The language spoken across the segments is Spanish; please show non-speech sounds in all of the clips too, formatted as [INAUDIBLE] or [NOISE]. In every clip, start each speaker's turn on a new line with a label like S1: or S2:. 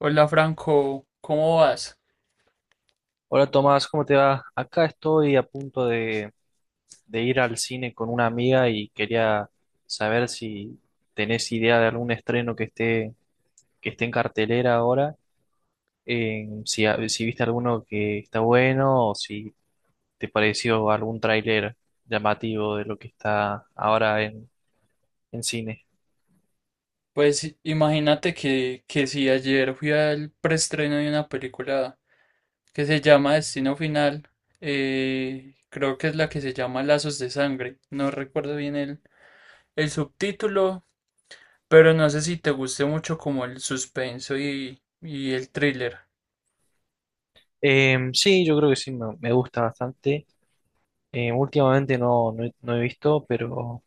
S1: Hola Franco, ¿cómo vas?
S2: Hola Tomás, ¿cómo te va? Acá estoy a punto de ir al cine con una amiga y quería saber si tenés idea de algún estreno que esté en cartelera ahora, si, si viste alguno que está bueno o si te pareció algún tráiler llamativo de lo que está ahora en cine.
S1: Pues imagínate que, si ayer fui al preestreno de una película que se llama Destino Final. Creo que es la que se llama Lazos de Sangre, no recuerdo bien el subtítulo, pero no sé si te guste mucho como el suspenso y el thriller.
S2: Sí, yo creo que sí, me gusta bastante. Últimamente no, no he visto, pero...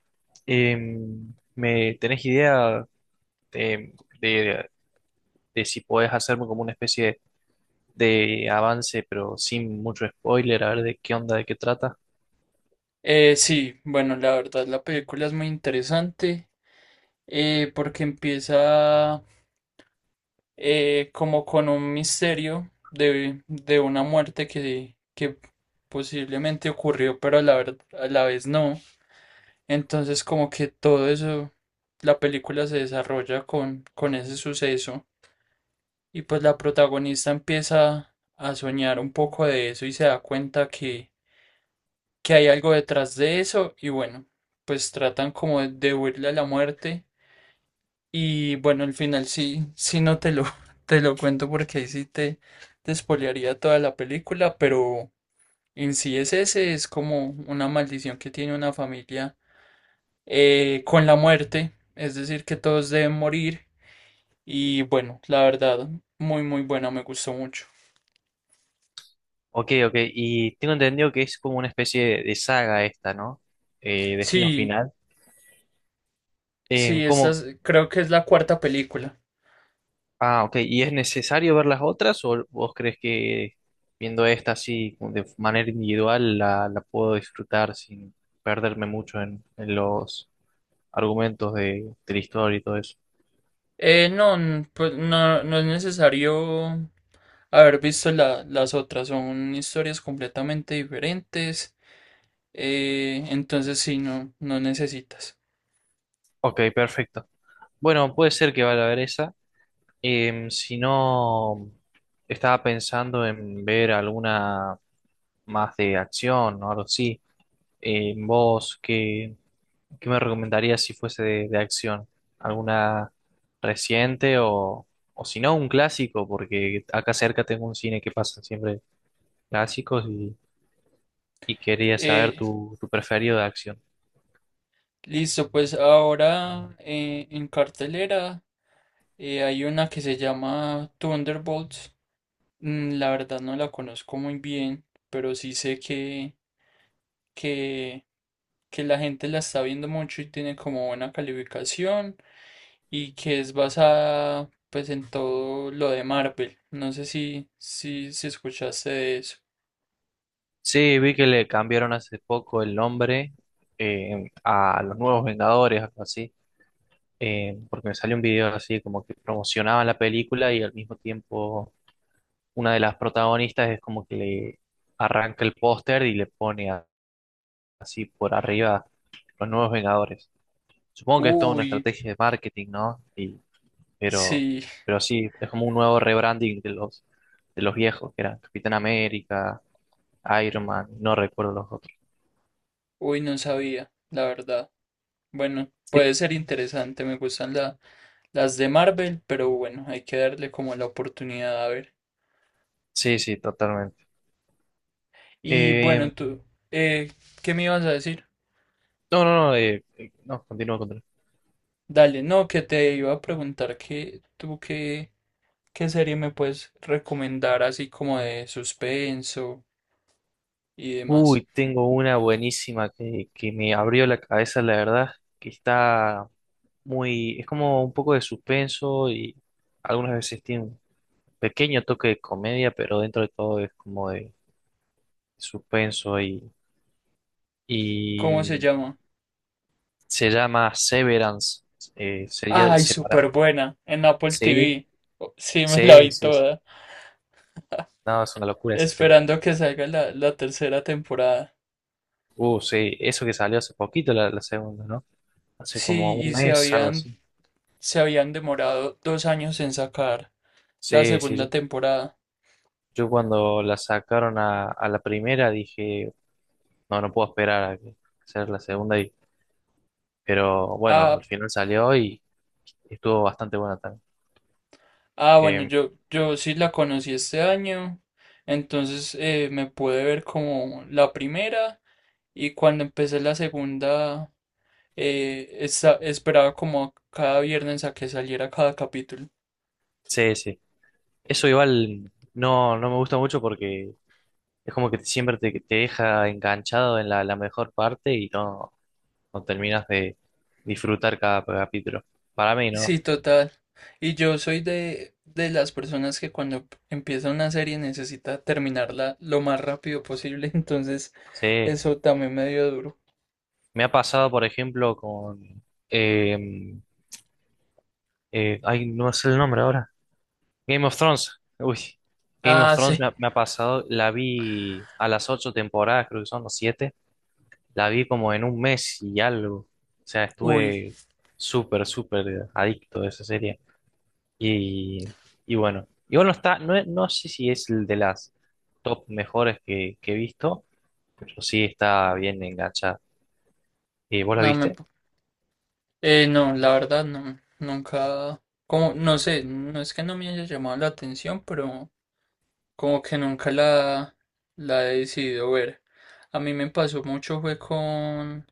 S2: ¿Me tenés idea de, de- de si podés hacerme como una especie de avance, pero sin mucho spoiler, a ver de qué onda, de qué trata.
S1: Sí, bueno, la verdad la película es muy interesante, porque empieza como con un misterio de una muerte que posiblemente ocurrió, pero a la, a la vez no. Entonces como que todo eso, la película se desarrolla con ese suceso y pues la protagonista empieza a soñar un poco de eso y se da cuenta que hay algo detrás de eso y bueno, pues tratan como de huirle a la muerte. Y bueno, al final sí, sí no te lo, [LAUGHS] te lo cuento porque ahí sí te spoilearía toda la película, pero en sí es ese, es como una maldición que tiene una familia, con la muerte, es decir, que todos deben morir y bueno, la verdad, muy muy buena, me gustó mucho.
S2: Ok, ok, y tengo entendido que es como una especie de saga esta, ¿no? Destino
S1: Sí,
S2: Final.
S1: sí,
S2: ¿Cómo?
S1: creo que es la cuarta película.
S2: Ah, ok, ¿y es necesario ver las otras o vos crees que viendo esta así como de manera individual la puedo disfrutar sin perderme mucho en los argumentos de la historia y todo eso?
S1: No, pues no, no es necesario haber visto las otras, son historias completamente diferentes. Entonces sí, no, no necesitas.
S2: Ok, perfecto. Bueno, puede ser que vaya a ver esa. Em, si no, estaba pensando en ver alguna más de acción o algo así. Em, vos, ¿qué me recomendarías si fuese de acción? ¿Alguna reciente o si no, un clásico? Porque acá cerca tengo un cine que pasan siempre clásicos y quería saber
S1: Eh,
S2: tu preferido de acción.
S1: Listo, pues ahora en cartelera hay una que se llama Thunderbolts. La verdad no la conozco muy bien, pero sí sé que, que, que la gente la está viendo mucho y tiene como buena calificación y que es basada pues en todo lo de Marvel. No sé si, si escuchaste de eso.
S2: Sí, vi que le cambiaron hace poco el nombre em, a los nuevos Vengadores, algo así. Eh, porque me salió un video así como que promocionaban la película y al mismo tiempo una de las protagonistas es como que le arranca el póster y le pone así por arriba los nuevos Vengadores. Supongo que es toda una
S1: Uy,
S2: estrategia de marketing, ¿no? Y, pero,
S1: sí,
S2: pero sí, es como un nuevo rebranding de los viejos, que eran Capitán América, Iron Man, no recuerdo los otros.
S1: uy, no sabía, la verdad. Bueno,
S2: Sí,
S1: puede ser interesante, me gustan las de Marvel, pero bueno, hay que darle como la oportunidad a ver.
S2: sí, sí, totalmente.
S1: Y
S2: Eh,
S1: bueno, tú, eh, ¿qué me ibas a decir?
S2: no, no, no, no, continúa, continúa.
S1: Dale, no, que te iba a preguntar que tú qué, qué serie me puedes recomendar así como de suspenso y demás.
S2: Uy, tengo una buenísima que me abrió la cabeza, la verdad, que está muy, es como un poco de suspenso y algunas veces tiene un pequeño toque de comedia, pero dentro de todo es como de suspenso
S1: ¿Cómo se
S2: y
S1: llama?
S2: se llama Severance, sería
S1: Ay,
S2: separar.
S1: súper buena, en Apple
S2: Sí,
S1: TV. Oh, sí, me la
S2: sí,
S1: vi
S2: sí, sí.
S1: toda,
S2: No, es una locura esa serie.
S1: esperando que salga la, la tercera temporada.
S2: Sí, eso que salió hace poquito la segunda, ¿no? Hace como
S1: Sí,
S2: un mes, algo así.
S1: se habían demorado 2 años en sacar la
S2: Sí, sí, yo.
S1: segunda temporada.
S2: Yo cuando la sacaron a la primera dije, no, no puedo esperar a a hacer la segunda. Y, pero bueno,
S1: Ah,
S2: al final salió y estuvo bastante buena también.
S1: ah, bueno,
S2: Eh,
S1: yo sí la conocí este año, entonces me pude ver como la primera y cuando empecé la segunda, esperaba como cada viernes a que saliera cada capítulo.
S2: sí, sí. Eso igual no, no me gusta mucho porque es como siempre te, te deja enganchado en la mejor parte y no, no terminas de disfrutar cada capítulo. Para mí, ¿no?
S1: Sí, total. Y yo soy de las personas que cuando empieza una serie necesita terminarla lo más rápido posible, [LAUGHS] entonces
S2: Sí.
S1: eso también me dio duro.
S2: Me ha pasado, por ejemplo, con... eh, ay, no sé el nombre ahora. Game of Thrones. Uy, Game of
S1: Ah,
S2: Thrones
S1: sí.
S2: me ha pasado, la vi a las 8 temporadas, creo que son los siete, la vi como en 1 mes y algo. O sea,
S1: Uy,
S2: estuve súper, súper adicto a esa serie. Y, y bueno, igual no está, no, es- no sé si es el de las top mejores que he visto, pero sí está bien enganchada. ¿Y vos la
S1: no me...
S2: viste?
S1: No, la verdad no, nunca... Como, no sé, no es que no me haya llamado la atención, pero como que nunca la, la he decidido ver. A mí me pasó mucho fue con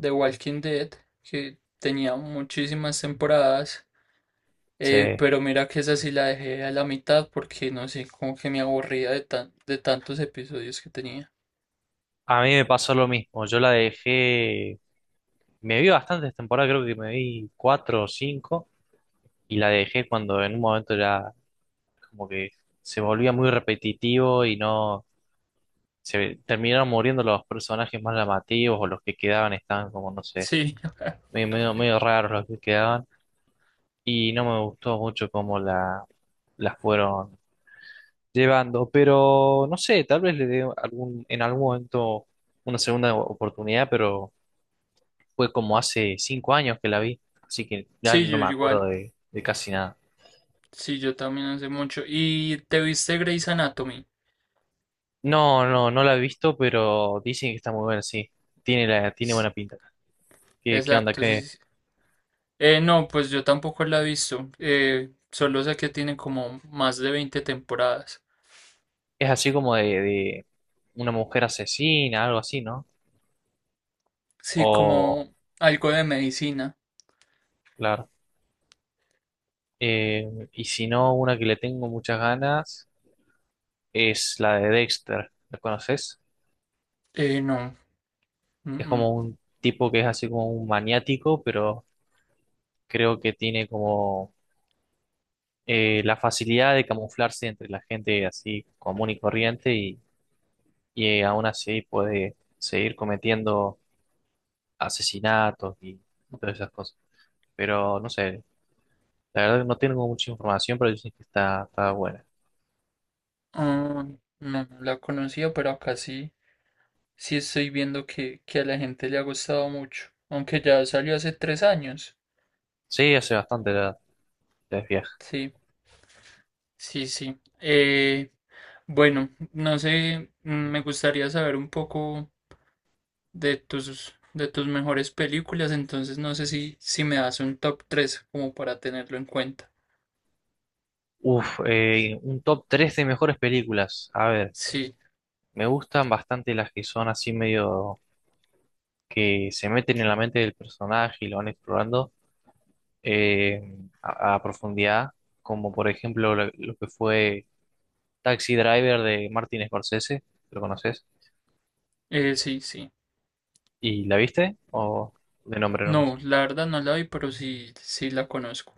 S1: The Walking Dead, que tenía muchísimas temporadas,
S2: Sí.
S1: pero mira que esa sí la dejé a la mitad porque no sé, como que me aburría de tan, de tantos episodios que tenía.
S2: A mí me pasó lo mismo, yo la dejé, me vi bastantes temporadas, creo que me vi cuatro o cinco. Y la dejé cuando en un momento era como que se volvía muy repetitivo y no se terminaron muriendo los personajes más llamativos o los que quedaban estaban como no sé,
S1: Sí,
S2: medio, medio, medio raros los que quedaban y no me gustó mucho cómo la las fueron llevando, pero no sé, tal vez le dé algún en algún momento una segunda oportunidad, pero fue como hace 5 años que la vi, así que
S1: [LAUGHS]
S2: ya
S1: sí,
S2: no
S1: yo
S2: me
S1: igual.
S2: acuerdo de casi nada.
S1: Sí, yo también hace mucho. ¿Y te viste Grey's Anatomy?
S2: No, no, no la he visto, pero dicen que está muy buena, sí. Tiene la, tiene buena pinta. ¿Qué, qué onda?
S1: Exacto, sí,
S2: ¿Qué,
S1: sí, sí. No, pues yo tampoco la he visto. Solo sé que tiene como más de 20 temporadas.
S2: es así como de una mujer asesina, algo así, ¿no?
S1: Sí,
S2: O,
S1: como algo de medicina.
S2: claro. Y si no, una que le tengo muchas ganas es la de Dexter. ¿La conoces?
S1: No. mm,
S2: Es
S1: mm,
S2: como un tipo que es así como un maniático, pero creo que tiene como la facilidad de camuflarse entre la gente así común y corriente y aún así puede seguir cometiendo asesinatos y todas esas cosas. Pero no sé, la verdad que no tengo mucha información, pero dicen que está, está buena.
S1: ah, no, no la conocía, pero acá sí. Sí estoy viendo que a la gente le ha gustado mucho. Aunque ya salió hace tres años.
S2: Sí, hace bastante la, la es vieja.
S1: Sí, sí, sí. Bueno, no sé, me gustaría saber un poco de tus mejores películas, entonces no sé si, si me das un top 3 como para tenerlo en cuenta.
S2: Uf, un top 3 de mejores películas. A ver,
S1: Sí,
S2: me gustan bastante las que son así medio que se meten en la mente del personaje y lo van explorando a profundidad, como por ejemplo lo que fue Taxi Driver de Martin Scorsese, ¿lo conoces?
S1: sí, sí.
S2: ¿Y la viste? ¿O de nombre
S1: No,
S2: nomás?
S1: la verdad no la vi, pero sí, sí la conozco.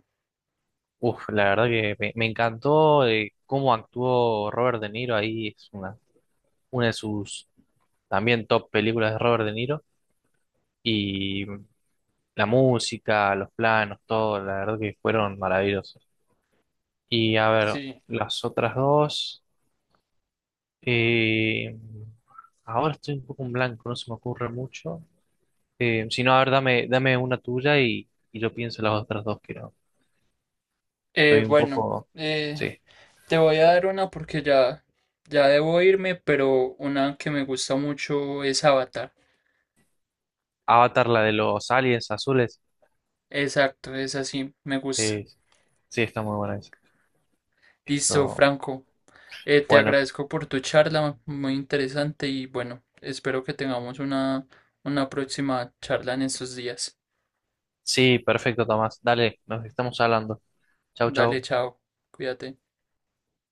S2: Uf, la verdad que me encantó cómo actuó Robert De Niro ahí, es una de sus también top películas de Robert De Niro y la música, los planos, todo, la verdad que fueron maravillosos. Y a ver,
S1: Sí.
S2: las otras dos, eh, ahora estoy un poco en blanco, no se me ocurre mucho. Si no, a ver, dame, dame una tuya y yo pienso en las otras dos, que no, estoy un
S1: Bueno,
S2: poco,
S1: eh,
S2: sí,
S1: te voy a dar una porque ya, ya debo irme, pero una que me gusta mucho es Avatar.
S2: Avatar, la de los aliens azules.
S1: Exacto, es así, me gusta.
S2: Sí, está muy buena esa.
S1: Listo,
S2: Esto,
S1: Franco. Te
S2: bueno,
S1: agradezco por tu charla, muy interesante y bueno, espero que tengamos una próxima charla en estos días.
S2: sí, perfecto, Tomás. Dale, nos estamos hablando. Chau,
S1: Dale,
S2: chau.
S1: chao, cuídate.